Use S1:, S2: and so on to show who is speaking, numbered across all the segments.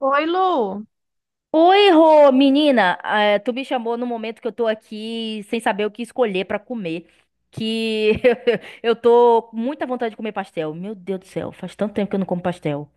S1: Oi, Lu.
S2: Oi, Rô, menina, tu me chamou no momento que eu tô aqui sem saber o que escolher pra comer, que eu tô com muita vontade de comer pastel. Meu Deus do céu, faz tanto tempo que eu não como pastel.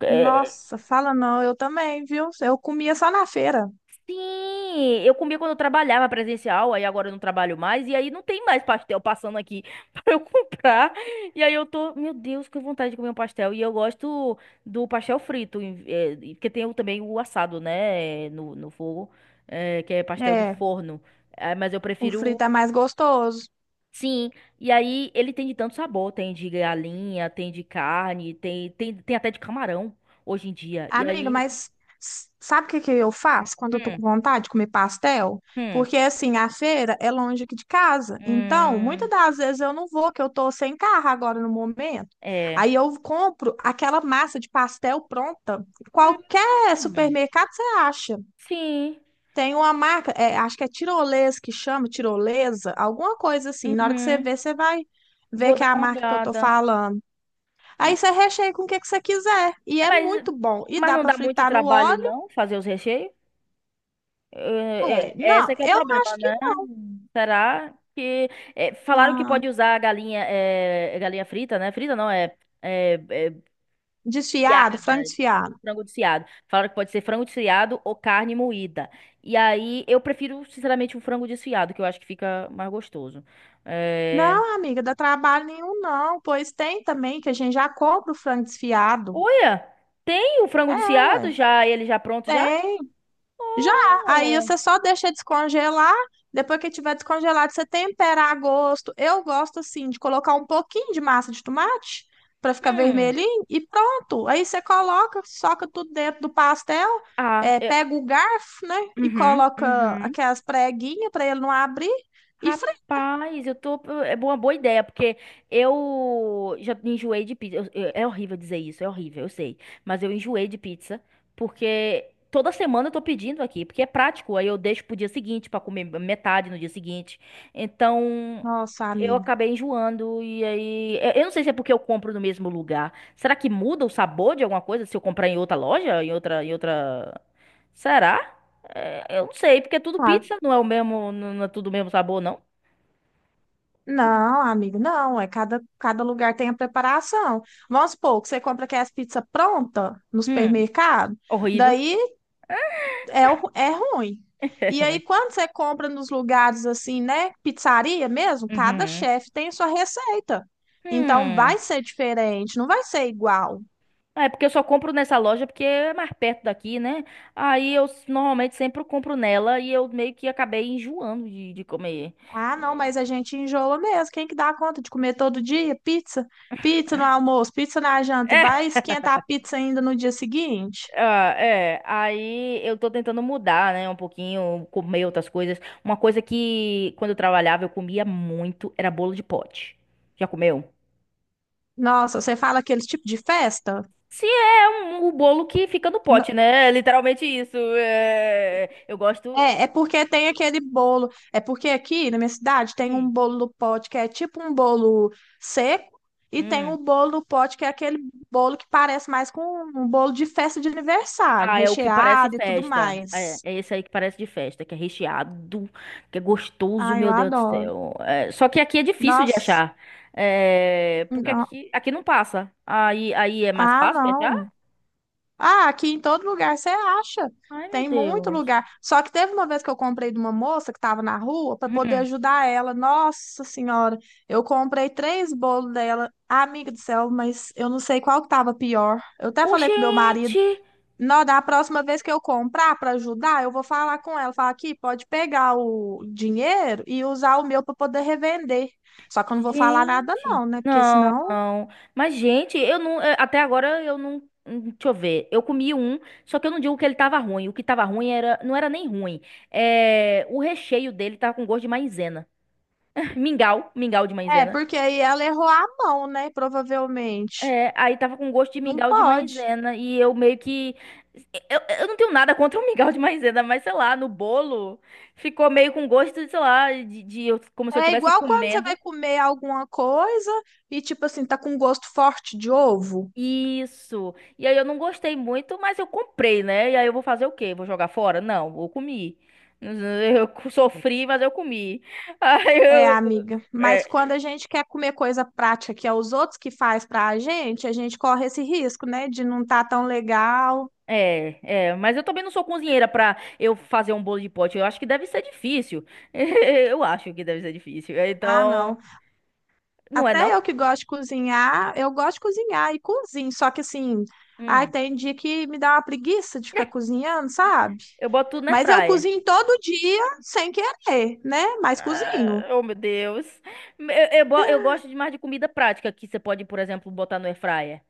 S2: É.
S1: Nossa, fala não, eu também, viu? Eu comia só na feira.
S2: Sim, eu comia quando eu trabalhava presencial, aí agora eu não trabalho mais, e aí não tem mais pastel passando aqui pra eu comprar. E aí eu tô, meu Deus, que vontade de comer um pastel. E eu gosto do pastel frito, porque tem também o assado, né, no fogo, que é pastel de
S1: É,
S2: forno. É, mas eu
S1: o
S2: prefiro.
S1: frito é mais gostoso.
S2: Sim. E aí ele tem de tanto sabor, tem de galinha, tem de carne, tem até de camarão hoje em dia. E
S1: Amiga,
S2: aí,
S1: mas sabe o que que eu faço quando eu tô
S2: hum,
S1: com vontade de comer pastel?
S2: hum,
S1: Porque assim, a feira é longe aqui de casa. Então, muitas
S2: hum,
S1: das vezes eu não vou, que eu tô sem carro agora no momento.
S2: é.
S1: Aí eu compro aquela massa de pastel pronta.
S2: Hum,
S1: Qualquer
S2: hum.
S1: supermercado você acha.
S2: Sim.
S1: Tem uma marca, é, acho que é tirolesa que chama, tirolesa, alguma coisa assim. Na hora que você
S2: Uhum.
S1: vê, você vai ver
S2: Vou
S1: que
S2: dar
S1: é a
S2: uma
S1: marca que eu tô
S2: olhada.
S1: falando. Aí
S2: Hum.
S1: você recheia com o que que você quiser. E é
S2: Mas,
S1: muito bom. E
S2: mas
S1: dá
S2: não
S1: pra
S2: dá muito
S1: fritar no
S2: trabalho,
S1: óleo.
S2: não, fazer os recheios?
S1: É,
S2: Esse
S1: não,
S2: é que é o
S1: eu
S2: problema,
S1: acho que
S2: né? Será que... falaram que pode
S1: não.
S2: usar a galinha, galinha frita, né? Frita não, é,
S1: Desfiado,
S2: desfiada,
S1: frango desfiado.
S2: frango desfiado. Falaram que pode ser frango desfiado ou carne moída. E aí, eu prefiro, sinceramente, o frango desfiado, que eu acho que fica mais gostoso. É.
S1: Não, amiga, dá trabalho nenhum, não. Pois tem também que a gente já compra o frango desfiado.
S2: Olha, tem o
S1: É,
S2: frango desfiado
S1: ué.
S2: já, ele já pronto já?
S1: Tem. Já, aí
S2: Oh.
S1: você só deixa descongelar, depois que tiver descongelado, você tempera a gosto. Eu gosto assim de colocar um pouquinho de massa de tomate para ficar
S2: Hum.
S1: vermelhinho e pronto. Aí você coloca, soca tudo dentro do pastel,
S2: Ah.
S1: é, pega o garfo, né, e
S2: Uhum,
S1: coloca
S2: uhum.
S1: aquelas preguinhas para ele não abrir e frita.
S2: Rapaz, eu tô. É uma boa ideia, porque eu já enjoei de pizza. É horrível dizer isso, é horrível, eu sei. Mas eu enjoei de pizza, porque toda semana eu tô pedindo aqui, porque é prático. Aí eu deixo pro dia seguinte pra comer metade no dia seguinte. Então.
S1: Nossa,
S2: Eu
S1: amiga.
S2: acabei enjoando e aí. Eu não sei se é porque eu compro no mesmo lugar. Será que muda o sabor de alguma coisa se eu comprar em outra loja? Será? É. Eu não sei, porque é tudo
S1: Ah,
S2: pizza, não é o mesmo, não é tudo o mesmo sabor, não.
S1: não, amigo, não. É cada lugar tem a preparação. Vamos supor que você compra aquelas pizzas pronta no
S2: Hum,
S1: supermercado.
S2: horrível.
S1: Daí é, é ruim.
S2: É
S1: E aí,
S2: ruim.
S1: quando você compra nos lugares assim, né? Pizzaria mesmo, cada
S2: Uhum.
S1: chefe tem sua receita. Então,
S2: Hum.
S1: vai ser diferente, não vai ser igual.
S2: É porque eu só compro nessa loja porque é mais perto daqui, né? Aí eu normalmente sempre compro nela e eu meio que acabei enjoando de comer.
S1: Ah, não,
S2: É,
S1: mas a gente enjoa mesmo. Quem que dá conta de comer todo dia pizza? Pizza no almoço, pizza na janta, e vai
S2: é,
S1: esquentar a pizza ainda no dia seguinte?
S2: ah, é. Aí eu tô tentando mudar, né? Um pouquinho, comer outras coisas. Uma coisa que quando eu trabalhava eu comia muito era bolo de pote. Já comeu?
S1: Nossa, você fala aquele tipo de festa?
S2: Se é um, o bolo que fica no pote, né? É literalmente isso. É, eu gosto.
S1: É, é porque tem aquele bolo. É porque aqui na minha cidade tem um
S2: Hum.
S1: bolo do pote que é tipo um bolo seco e tem
S2: Hum.
S1: o bolo do pote que é aquele bolo que parece mais com um bolo de festa de aniversário,
S2: Ah, é o que parece
S1: recheado e tudo
S2: festa. É,
S1: mais.
S2: é esse aí que parece de festa, que é recheado, que é gostoso,
S1: Ah, eu
S2: meu Deus do
S1: adoro.
S2: céu. É, só que aqui é difícil de
S1: Nossa,
S2: achar. É, porque
S1: não.
S2: aqui, não passa. Aí é mais
S1: Ah,
S2: fácil de achar?
S1: não. Ah, aqui em todo lugar você acha.
S2: Ai, meu
S1: Tem muito
S2: Deus.
S1: lugar. Só que teve uma vez que eu comprei de uma moça que estava na rua para poder
S2: Hum.
S1: ajudar ela. Nossa Senhora, eu comprei três bolos dela. Amiga do céu, mas eu não sei qual que estava pior. Eu até
S2: Ô,
S1: falei com meu marido,
S2: gente!
S1: não, da próxima vez que eu comprar para ajudar, eu vou falar com ela, falar aqui, pode pegar o dinheiro e usar o meu para poder revender. Só que eu não vou falar nada
S2: Gente.
S1: não, né? Porque
S2: Não,
S1: senão,
S2: não. Mas, gente, eu não. Até agora eu não. Deixa eu ver. Eu comi um, só que eu não digo que ele tava ruim. O que tava ruim era, não era nem ruim. É, o recheio dele tava com gosto de maisena. Mingau, mingau de
S1: é,
S2: maisena.
S1: porque aí ela errou a mão, né? Provavelmente.
S2: É, aí tava com gosto de
S1: Não
S2: mingau de
S1: pode.
S2: maisena e eu meio que eu não tenho nada contra o mingau de maisena, mas sei lá, no bolo ficou meio com gosto, sei lá, de como se eu
S1: É
S2: estivesse
S1: igual quando você vai
S2: comendo.
S1: comer alguma coisa e, tipo assim, tá com gosto forte de ovo.
S2: Isso. E aí eu não gostei muito, mas eu comprei, né? E aí eu vou fazer o quê? Vou jogar fora? Não, eu comi. Eu sofri, mas eu comi. Aí
S1: É,
S2: eu,
S1: amiga. Mas
S2: é,
S1: quando a gente quer comer coisa prática que é os outros que faz pra gente, a gente corre esse risco, né? De não tá tão legal.
S2: É, mas eu também não sou cozinheira pra eu fazer um bolo de pote. Eu acho que deve ser difícil. Eu acho que deve ser difícil.
S1: Ah,
S2: Então,
S1: não.
S2: não é não?
S1: Até eu que gosto de cozinhar, eu gosto de cozinhar e cozinho. Só que assim, ai,
S2: Hum,
S1: tem dia que me dá uma preguiça de ficar cozinhando, sabe?
S2: eu boto tudo na air
S1: Mas eu
S2: fryer.
S1: cozinho todo dia sem querer, né? Mas
S2: Ah,
S1: cozinho.
S2: oh, meu Deus. Eu, eu gosto demais de comida prática que você pode, por exemplo, botar no air fryer.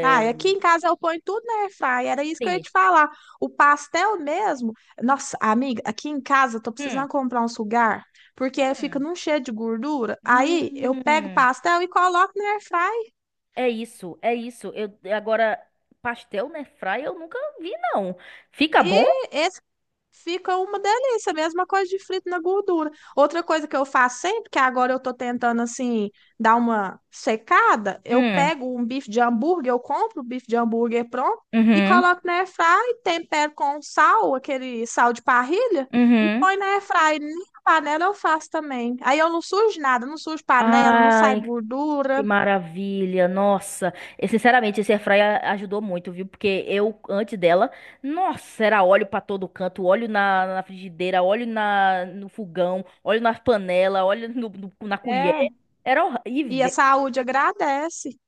S1: Ah, e aqui em casa eu ponho tudo na airfryer, era isso que eu ia
S2: Sim.
S1: te falar. O pastel mesmo, nossa, amiga, aqui em casa eu tô
S2: Hum,
S1: precisando comprar um sugar, porque fica
S2: hum,
S1: num cheio de gordura. Aí eu pego o
S2: hum.
S1: pastel e coloco na airfryer.
S2: É isso, é isso. Eu agora pastel na air fryer eu nunca vi não. Fica bom?
S1: E esse fica uma delícia, mesma coisa de frito na gordura. Outra coisa que eu faço sempre, que agora eu tô tentando assim dar uma secada, eu
S2: Hum,
S1: pego um bife de hambúrguer, eu compro o bife de hambúrguer pronto e
S2: uhum,
S1: coloco na airfryer, tempero com sal, aquele sal de parrilha, e
S2: uhum.
S1: põe na airfryer. Nem a panela eu faço também. Aí eu não sujo nada, não sujo panela, não sai
S2: Ai, que
S1: gordura.
S2: maravilha. Nossa. E, sinceramente, esse air ajudou muito, viu? Porque eu, antes dela, nossa, era óleo pra todo canto, óleo na frigideira, óleo na, no fogão, óleo na panela, óleo na colher.
S1: É.
S2: Era
S1: E a
S2: horrível.
S1: saúde agradece.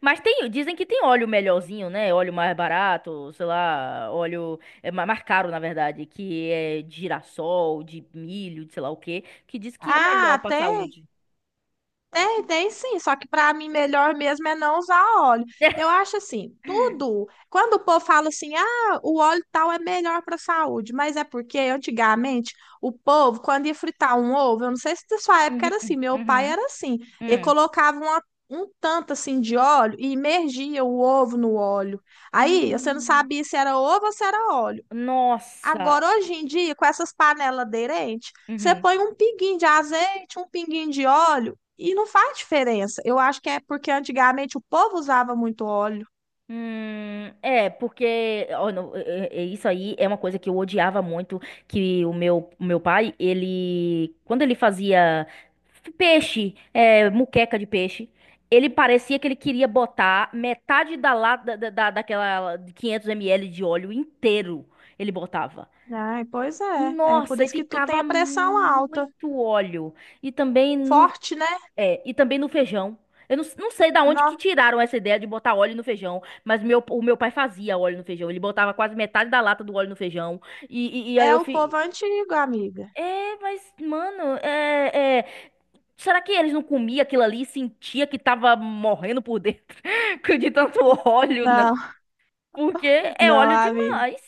S2: Mas tem, dizem que tem óleo melhorzinho, né? Óleo mais barato, sei lá, óleo é, mais caro, na verdade, que é de girassol, de milho, de sei lá o quê, que diz que é melhor
S1: Ah,
S2: pra
S1: tem.
S2: saúde.
S1: Tem, tem sim, só que para mim melhor mesmo é não usar óleo. Eu acho assim, tudo. Quando o povo fala assim, ah, o óleo tal é melhor para a saúde, mas é porque antigamente o povo, quando ia fritar um ovo, eu não sei se da sua época
S2: Uhum,
S1: era assim, meu pai
S2: uhum,
S1: era assim, ele
S2: uhum.
S1: colocava um tanto assim de óleo e imergia o ovo no óleo. Aí você não
S2: Hum,
S1: sabia se era ovo ou se era óleo.
S2: nossa.
S1: Agora, hoje em dia, com essas panelas aderentes, você
S2: Uhum.
S1: põe um pinguinho de azeite, um pinguinho de óleo e não faz diferença. Eu acho que é porque antigamente o povo usava muito óleo.
S2: Porque ó, não, é isso aí é uma coisa que eu odiava muito, que o meu pai, ele, quando ele fazia peixe, muqueca de peixe, ele parecia que ele queria botar metade da lata, daquela 500 ml de óleo inteiro, ele botava.
S1: Ai, pois é. É por
S2: Nossa, e
S1: isso que tu tem
S2: ficava
S1: a pressão alta.
S2: muito óleo. E também no,
S1: Forte, né?
S2: É, e também no feijão. Eu não, não sei da onde que
S1: Não,
S2: tiraram essa ideia de botar óleo no feijão, mas o meu pai fazia óleo no feijão. Ele botava quase metade da lata do óleo no feijão. E, e, e aí
S1: é
S2: eu
S1: o
S2: fi...
S1: povo antigo, amiga.
S2: É, mas, mano, Será que eles não comiam aquilo ali e sentia que tava morrendo por dentro de tanto óleo, não?
S1: Não,
S2: Porque é
S1: não,
S2: óleo
S1: amiga.
S2: demais.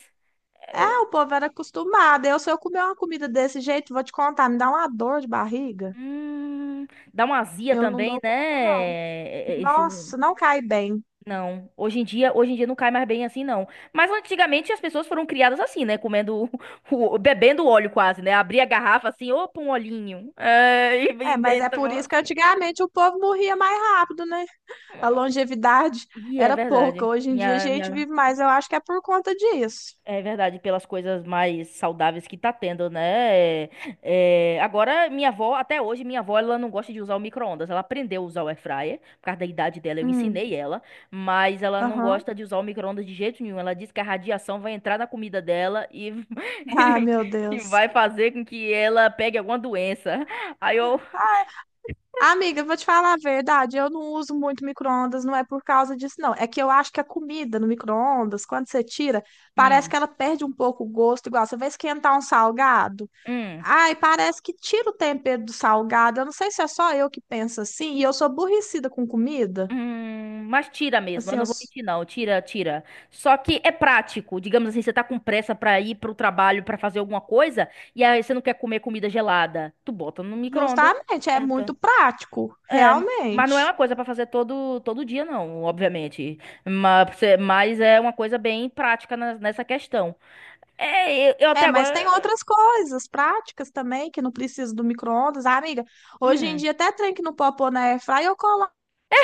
S1: É,
S2: É,
S1: o povo era acostumado. Eu, se eu comer uma comida desse jeito, vou te contar, me dá uma dor de barriga.
S2: hum, dá uma azia
S1: Eu não
S2: também,
S1: dou conta,
S2: né?
S1: não.
S2: É, é,
S1: Nossa, não cai bem.
S2: Não, hoje em dia não cai mais bem assim, não. Mas antigamente as pessoas foram criadas assim, né? Comendo, bebendo óleo quase, né? Abria a garrafa assim, opa, um olhinho. É, e,
S1: É,
S2: e,
S1: mas
S2: e,
S1: é por
S2: tomava.
S1: isso que antigamente o povo morria mais rápido, né? A longevidade
S2: Ih, é
S1: era pouca.
S2: verdade.
S1: Hoje em dia a
S2: Minha
S1: gente vive mais. Eu acho que é por conta disso.
S2: É verdade, pelas coisas mais saudáveis que tá tendo, né? É, agora, minha avó, até hoje, minha avó, ela não gosta de usar o micro-ondas. Ela aprendeu a usar o air fryer, por causa da idade dela, eu
S1: Hum,
S2: ensinei ela, mas ela não
S1: aham.
S2: gosta de usar o micro-ondas de jeito nenhum. Ela diz que a radiação vai entrar na comida dela e,
S1: Ah, meu
S2: e
S1: Deus.
S2: vai fazer com que ela pegue alguma doença. Aí eu.
S1: Ah, amiga, eu vou te falar a verdade. Eu não uso muito micro-ondas, não é por causa disso, não. É que eu acho que a comida no micro-ondas, quando você tira, parece
S2: Hum,
S1: que ela perde um pouco o gosto. Igual você vai esquentar um salgado.
S2: hum.
S1: Ai, parece que tira o tempero do salgado. Eu não sei se é só eu que penso assim. E eu sou aborrecida com comida.
S2: Mas tira mesmo, eu
S1: Assim, eu
S2: não vou mentir não, tira, tira. Só que é prático, digamos assim, você tá com pressa pra ir pro trabalho, pra fazer alguma coisa, e aí você não quer comer comida gelada, tu bota no micro-ondas
S1: justamente,
S2: e
S1: é
S2: esquenta.
S1: muito prático,
S2: É, mas não é uma
S1: realmente.
S2: coisa pra fazer todo todo dia não, obviamente. Mas, mas é uma coisa bem prática nessa questão. É, eu até
S1: É, mas tem
S2: agora,
S1: outras coisas práticas também que não precisa do micro-ondas. Ah, amiga, hoje em
S2: hum,
S1: dia até trem que não popou na airfry, eu coloco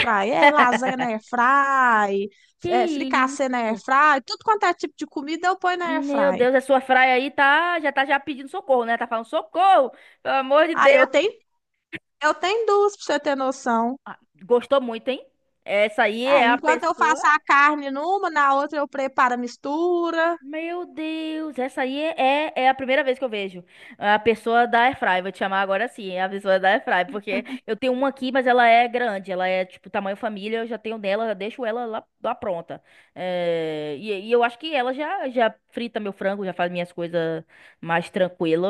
S1: na airfry. É lasanha na airfry,
S2: que
S1: é,
S2: isso?
S1: fricassê na airfry, tudo quanto é tipo de comida eu ponho na
S2: Meu
S1: airfry.
S2: Deus, a sua fraia aí tá já pedindo socorro, né? Tá falando socorro, pelo amor de
S1: Aí
S2: Deus.
S1: eu tenho duas pra você ter noção.
S2: Ah, gostou muito, hein? Essa aí
S1: É,
S2: é a
S1: enquanto eu
S2: pessoa.
S1: faço a carne numa, na outra eu preparo a mistura.
S2: Meu Deus, essa aí é a primeira vez que eu vejo. A pessoa da Airfry, vou te chamar agora sim, é a pessoa da Airfry, porque eu tenho uma aqui, mas ela é grande, ela é tipo tamanho família, eu já tenho dela, eu deixo ela lá pronta. É, e eu acho que ela já frita meu frango, já faz minhas coisas mais tranquilo,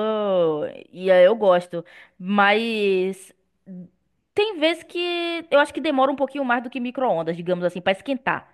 S2: e aí eu gosto. Mas tem vezes que eu acho que demora um pouquinho mais do que micro-ondas, digamos assim, pra esquentar.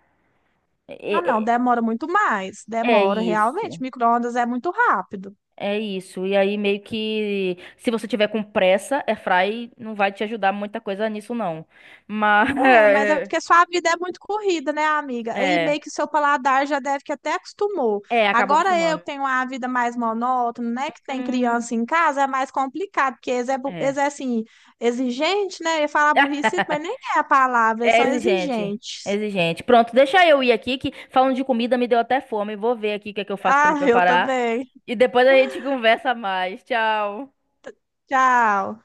S1: Ah, não,
S2: é é-
S1: demora muito mais.
S2: é
S1: Demora, realmente.
S2: isso.
S1: Micro-ondas é muito rápido.
S2: É isso. E aí, meio que, se você tiver com pressa, airfry não vai te ajudar muita coisa nisso, não. Mas,
S1: É, mas é porque sua vida é muito corrida, né, amiga? E meio
S2: é,
S1: que seu paladar já deve que até acostumou.
S2: é, acabou
S1: Agora eu
S2: acostumando.
S1: que tenho uma vida mais monótona, né, que tem
S2: Hum,
S1: criança em casa, é mais complicado, porque eles é, eles
S2: é.
S1: é assim, exigente, né? Eu ia falar burrice, mas nem é a palavra, eles
S2: É
S1: são
S2: exigente. É
S1: exigentes.
S2: exigente. Pronto, deixa eu ir aqui, que falando de comida me deu até fome. Vou ver aqui o que é que eu faço
S1: Ah,
S2: pra
S1: eu
S2: preparar.
S1: também.
S2: E depois a gente conversa mais. Tchau.
S1: Tchau.